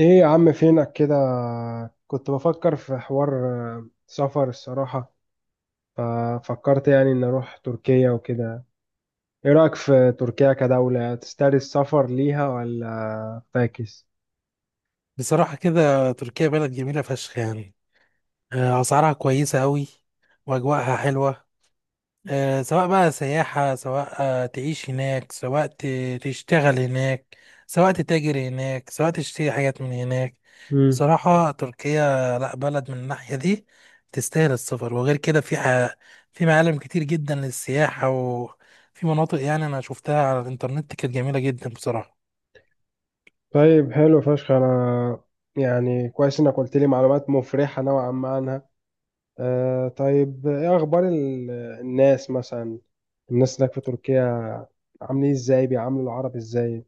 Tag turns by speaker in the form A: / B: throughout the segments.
A: ايه يا عم، فينك كده؟ كنت بفكر في حوار، سفر الصراحة. ففكرت يعني ان اروح تركيا وكده. ايه رأيك في تركيا كدولة تستاهل السفر ليها ولا فاكس؟
B: بصراحة كده، تركيا بلد جميلة فشخ يعني. أسعارها كويسة أوي، وأجواءها حلوة. سواء بقى سياحة، سواء تعيش هناك، سواء تشتغل هناك، سواء تتاجر هناك، سواء تشتري حاجات من هناك.
A: مم.
B: بصراحة تركيا، لأ، بلد من الناحية دي تستاهل السفر. وغير كده، في معالم كتير جدا للسياحة، وفي مناطق يعني أنا شفتها على الإنترنت كانت جميلة جدا بصراحة.
A: طيب حلو فشخ. انا يعني كويس انك قلت لي معلومات مفرحة نوعا ما عنها. طيب، ايه اخبار الناس مثلا؟ الناس هناك في تركيا عاملين إيه، ازاي بيعاملوا العرب ازاي؟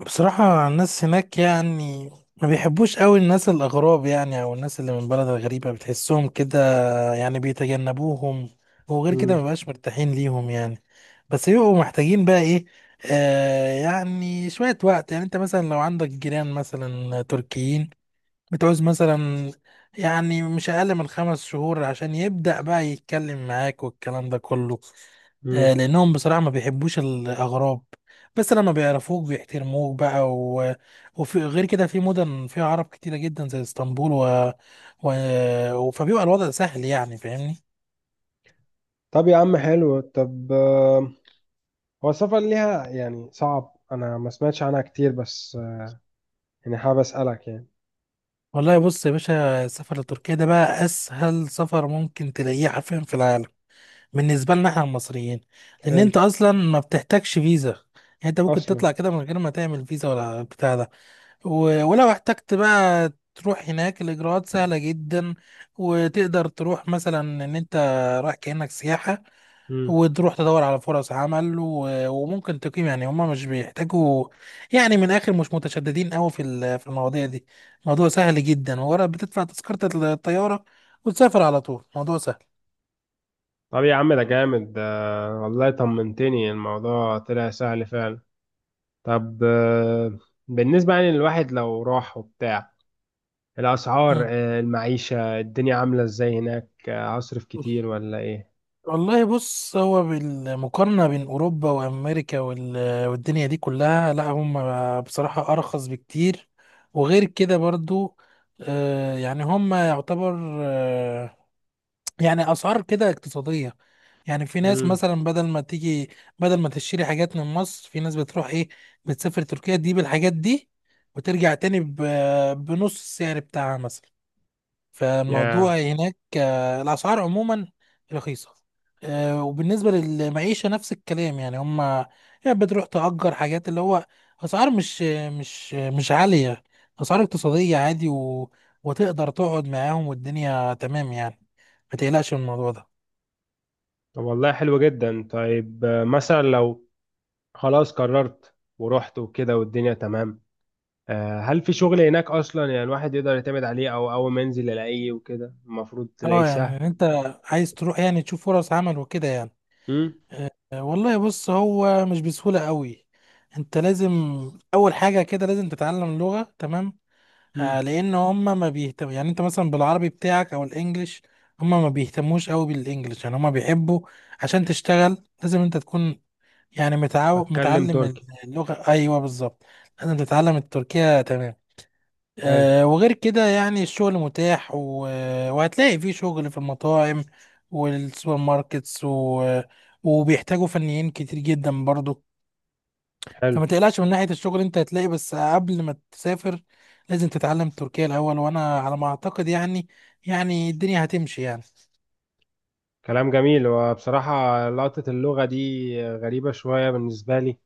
B: بصراحة الناس هناك يعني ما بيحبوش قوي الناس الأغراب، يعني أو الناس اللي من بلد غريبة بتحسهم كده يعني بيتجنبوهم. وغير كده
A: مم.
B: ما بقاش مرتاحين ليهم يعني. بس بيبقوا محتاجين بقى إيه، آه يعني شوية وقت. يعني أنت مثلا لو عندك جيران مثلا تركيين، بتعوز مثلا يعني مش أقل من 5 شهور عشان يبدأ بقى يتكلم معاك والكلام ده كله.
A: مم.
B: لأنهم بصراحة ما بيحبوش الأغراب. بس لما بيعرفوك بيحترموك بقى وفي غير كده في مدن فيها عرب كتيرة جدا زي اسطنبول فبيبقى الوضع سهل يعني فاهمني.
A: طب يا عم حلو. طب هو السفر ليها يعني صعب، انا ما سمعتش عنها كتير بس يعني حابب اسالك يعني.
B: والله بص يا باشا، السفر لتركيا ده بقى أسهل سفر ممكن تلاقيه حرفيا في العالم بالنسبة لنا احنا المصريين. لأن
A: حلو.
B: أنت أصلا ما بتحتاجش فيزا. يعني أنت ممكن
A: اصلا.
B: تطلع كده من غير ما تعمل فيزا ولا بتاع ده. ولو احتجت بقى تروح هناك، الإجراءات سهلة جدا. وتقدر تروح مثلا إن أنت رايح كأنك سياحة،
A: امم
B: وتروح تدور على فرص عمل، وممكن تقيم. يعني هما مش بيحتاجوا، يعني من الآخر مش متشددين أوي في المواضيع دي. موضوع سهل جدا، ورا بتدفع تذكرة الطيارة وتسافر على طول. موضوع سهل.
A: طب يا عم ده جامد ده. والله طمنتني، الموضوع طلع سهل فعلا. طب بالنسبة يعني للواحد لو راح وبتاع، الأسعار المعيشة الدنيا عاملة ازاي هناك؟ هصرف
B: مم.
A: كتير ولا ايه؟
B: والله بص، هو بالمقارنة بين أوروبا وأمريكا والدنيا دي كلها، لا هم بصراحة أرخص بكتير. وغير كده برضو، يعني هم يعتبر، آه، يعني أسعار كده اقتصادية. يعني في ناس
A: امم
B: مثلا بدل ما تيجي، بدل ما تشتري حاجات من مصر، في ناس بتروح إيه، بتسافر تركيا تجيب الحاجات دي وترجع تاني بنص السعر بتاعها مثلا.
A: يا،
B: فالموضوع هناك الأسعار عموما رخيصة. وبالنسبة للمعيشة نفس الكلام. يعني هما يعني بتروح تأجر حاجات، اللي هو أسعار مش عالية، أسعار اقتصادية عادي وتقدر تقعد معاهم والدنيا تمام يعني. ما تقلقش من الموضوع ده.
A: طب والله حلو جدا. طيب مثلا لو خلاص قررت ورحت وكده والدنيا تمام، هل في شغل هناك اصلا؟ يعني الواحد يقدر يعتمد عليه او اول ما ينزل يلاقيه وكده المفروض تلاقيه
B: اه
A: سهل.
B: يعني إن انت عايز تروح يعني تشوف فرص عمل وكده يعني.
A: امم.
B: والله بص هو مش بسهولة قوي. انت لازم اول حاجة كده لازم تتعلم اللغة تمام. آه
A: امم.
B: لان هم ما بيهتم، يعني انت مثلا بالعربي بتاعك او الانجليش هم ما بيهتموش قوي بالانجليش. يعني هم بيحبوا عشان تشتغل لازم انت تكون يعني
A: اتكلم
B: متعلم
A: تركي.
B: اللغة، ايوه بالظبط. لازم تتعلم التركية تمام.
A: حلو.
B: وغير كده يعني الشغل متاح وهتلاقي فيه شغل في المطاعم والسوبر ماركتس وبيحتاجوا فنيين كتير جدا برضو.
A: حلو.
B: فما تقلقش من ناحية الشغل، انت هتلاقي. بس قبل ما تسافر لازم تتعلم تركيا الأول، وأنا على ما أعتقد يعني، يعني الدنيا هتمشي يعني.
A: كلام جميل، وبصراحة لقطة اللغة دي غريبة شوية بالنسبة لي.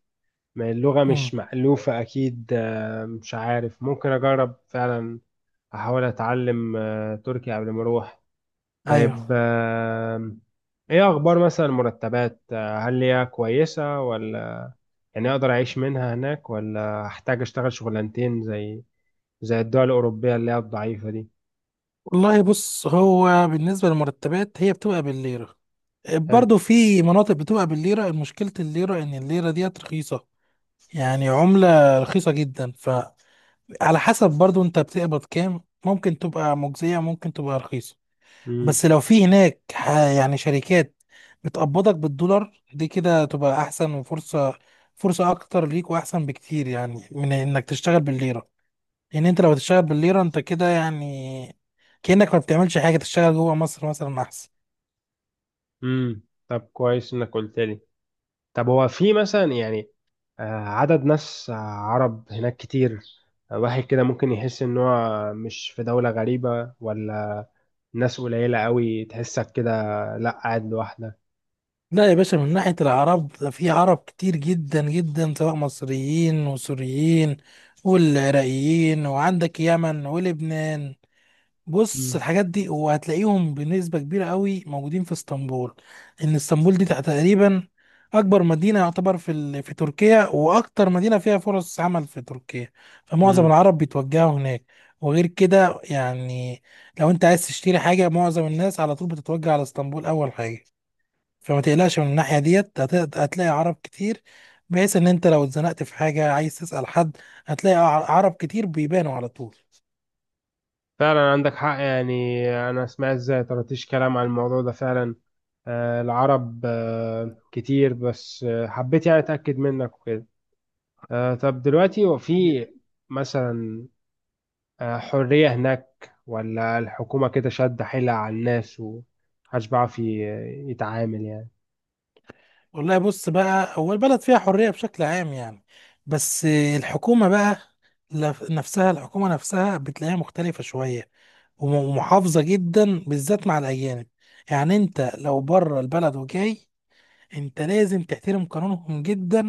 A: ما اللغة
B: امم
A: مش مألوفة أكيد. مش عارف، ممكن أجرب فعلا. أحاول أتعلم تركي قبل ما أروح.
B: أيوه.
A: طيب إيه أخبار مثلا المرتبات؟ هل هي كويسة ولا؟ يعني اقدر اعيش منها هناك، ولا احتاج اشتغل شغلانتين زي الدول الاوروبيه اللي هي الضعيفه دي؟
B: والله بص هو بالنسبة للمرتبات هي بتبقى بالليرة.
A: حلو.
B: برضه في مناطق بتبقى بالليرة. مشكلة الليرة إن الليرة ديت رخيصة، يعني عملة رخيصة جدا. فعلى حسب برضه انت بتقبض كام، ممكن تبقى مجزية، ممكن تبقى رخيصة.
A: امم.
B: بس لو في هناك يعني شركات بتقبضك بالدولار، دي كده تبقى احسن. وفرصة اكتر ليك واحسن بكتير يعني من انك تشتغل بالليرة. لان انت لو تشتغل بالليرة انت كده يعني كأنك ما بتعملش حاجة. تشتغل جوه مصر مثلا احسن.
A: امم. طب كويس انك قلت لي. طب هو في مثلا يعني آه، عدد ناس عرب هناك كتير؟ واحد كده ممكن يحس ان هو مش في دوله غريبه، ولا ناس قليله قوي تحسك كده، لا قاعد لوحدك؟
B: لا يا باشا، من ناحية العرب، ده في عرب كتير جدا جدا، سواء مصريين وسوريين والعراقيين، وعندك يمن ولبنان. بص
A: امم.
B: الحاجات دي، وهتلاقيهم بنسبة كبيرة قوي موجودين في اسطنبول. ان اسطنبول دي تقريبا اكبر مدينة يعتبر في تركيا، واكتر مدينة فيها فرص عمل في تركيا. فمعظم
A: امم.
B: العرب بيتوجهوا هناك. وغير كده يعني لو انت عايز تشتري حاجة، معظم الناس على طول بتتوجه على اسطنبول اول حاجة. فما تقلقش من الناحية ديت، هتلاقي عرب كتير، بحيث ان انت لو اتزنقت في حاجة، عايز تسأل حد، هتلاقي عرب كتير بيبانوا على طول.
A: فعلا عندك حق يعني. انا سمعت زي طرطيش كلام عن الموضوع ده فعلا. العرب كتير، بس حبيت يعني أتأكد منك وكده. طب دلوقتي هو في مثلا حرية هناك، ولا الحكومة كده شادة حيلها على الناس ومحدش بيعرف يتعامل يعني؟
B: والله بص بقى، هو البلد فيها حرية بشكل عام يعني. بس الحكومة بقى، نفسها الحكومة نفسها بتلاقيها مختلفة شوية، ومحافظة جدا بالذات مع الأجانب. يعني أنت لو بره البلد وجاي، أنت لازم تحترم قانونهم جدا.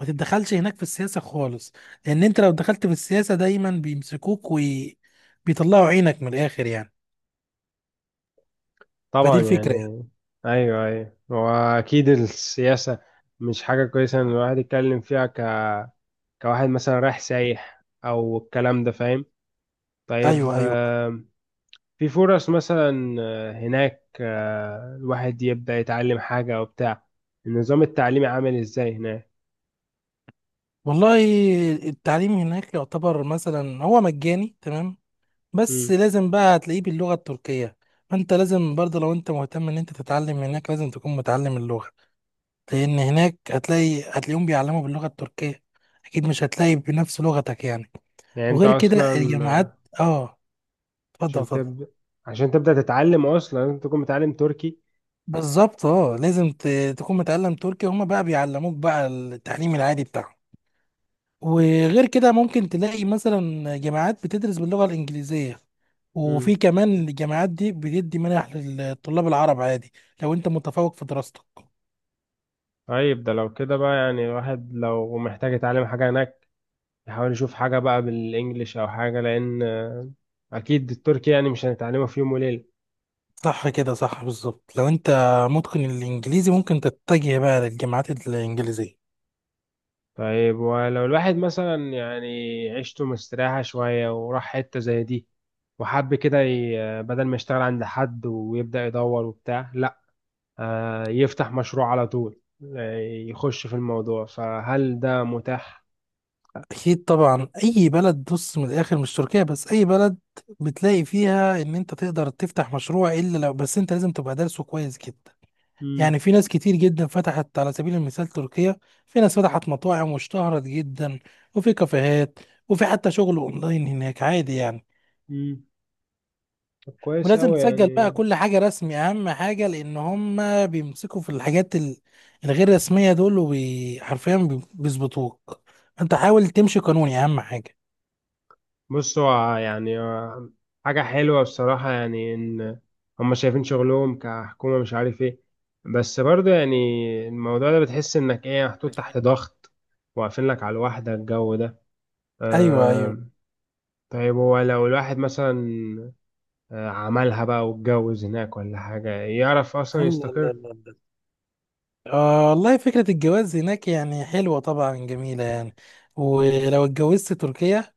B: ما تتدخلش هناك في السياسة خالص، لأن أنت لو دخلت في السياسة دايما بيمسكوك وبيطلعوا عينك من الآخر يعني. فدي
A: طبعا يعني.
B: الفكرة يعني.
A: أيوه أيوه، وأكيد السياسة مش حاجة كويسة إن الواحد يتكلم فيها كواحد مثلا رايح سايح أو الكلام ده، فاهم؟ طيب
B: أيوه، أيوه.
A: في فرص مثلا هناك الواحد يبدأ يتعلم حاجة وبتاع؟ النظام التعليمي عامل ازاي هناك؟
B: والله التعليم هناك يعتبر مثلا هو مجاني تمام. بس
A: مم.
B: لازم بقى هتلاقيه باللغة التركية. فانت لازم برضه لو انت مهتم ان انت تتعلم هناك لازم تكون متعلم اللغة. لان هناك هتلاقيهم بيعلموا باللغة التركية، اكيد مش هتلاقي بنفس لغتك يعني.
A: يعني انت
B: وغير كده
A: اصلا
B: الجامعات، اه، اتفضل
A: عشان
B: اتفضل.
A: تبدأ عشان تبدأ تتعلم اصلا لازم تكون متعلم تركي.
B: بالظبط، اه لازم تكون متعلم تركي. هما بقى بيعلموك بقى التعليم العادي بتاعهم. وغير كده ممكن تلاقي مثلا جامعات بتدرس باللغة الإنجليزية،
A: مم.
B: وفي كمان الجامعات دي بتدي منح للطلاب العرب عادي، لو انت متفوق في دراستك.
A: طيب ده لو كده بقى، يعني الواحد لو محتاج يتعلم حاجة هناك يحاول يشوف حاجة بقى بالانجليش او حاجة، لان اكيد التركي يعني مش هنتعلمه في يوم وليلة.
B: صح كده، صح بالظبط. لو انت متقن الانجليزي ممكن تتجه بقى للجامعات الانجليزيه.
A: طيب ولو الواحد مثلا يعني عيشته مستريحة شوية، وراح حتة زي دي وحب كده بدل ما يشتغل عند حد ويبدأ يدور وبتاع، لا يفتح مشروع على طول، آه، يخش في الموضوع، فهل ده متاح؟
B: اكيد طبعا، اي بلد بص من الاخر، مش تركيا بس، اي بلد بتلاقي فيها ان انت تقدر تفتح مشروع. الا لو بس انت لازم تبقى دارسه كويس كده.
A: مم.
B: يعني في ناس كتير جدا فتحت على سبيل المثال تركيا. في ناس فتحت مطاعم واشتهرت جدا، وفي كافيهات، وفي حتى شغل اونلاين هناك عادي يعني.
A: مم. طب كويس
B: ولازم
A: أوي
B: تسجل بقى
A: يعني.
B: كل حاجة رسمي، اهم حاجة. لان هم بيمسكوا في الحاجات الغير رسمية دول، وحرفيا بيظبطوك. انت حاول تمشي قانوني، اهم حاجة.
A: بص هو يعني حاجة حلوة بصراحة يعني إن هما شايفين شغلهم كحكومة، مش عارف إيه، بس برضه يعني الموضوع ده بتحس إنك إيه محطوط تحت ضغط، واقفين لك على الواحدة، الجو ده.
B: ايوه، ايوه.
A: آه، طيب هو لو الواحد مثلا عملها بقى واتجوز هناك ولا حاجة، يعرف أصلا
B: الله الله
A: يستقر؟
B: الله الله. والله فكرة الجواز هناك يعني حلوة طبعا، جميلة يعني. ولو اتجوزت تركيا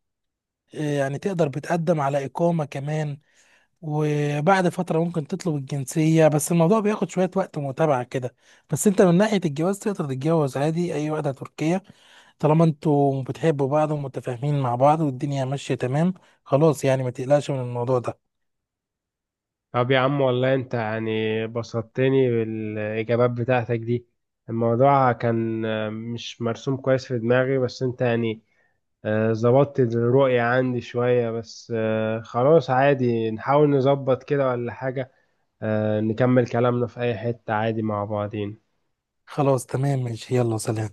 B: يعني تقدر بتقدم على إقامة كمان، وبعد فترة ممكن تطلب الجنسية. بس الموضوع بياخد شوية وقت متابعة كده. بس انت من ناحية الجواز تقدر تتجوز عادي أي واحدة تركية، طالما انتوا بتحبوا بعض ومتفاهمين مع بعض والدنيا ماشية تمام. خلاص يعني ما تقلقش من الموضوع ده.
A: طب يا عم، والله أنت يعني بسطتني بالإجابات بتاعتك دي. الموضوع كان مش مرسوم كويس في دماغي، بس أنت يعني ظبطت الرؤية عندي شوية، بس خلاص، عادي نحاول نظبط كده ولا حاجة، نكمل كلامنا في أي حتة عادي مع بعضين.
B: خلاص تمام، ماشي، يلا سلام.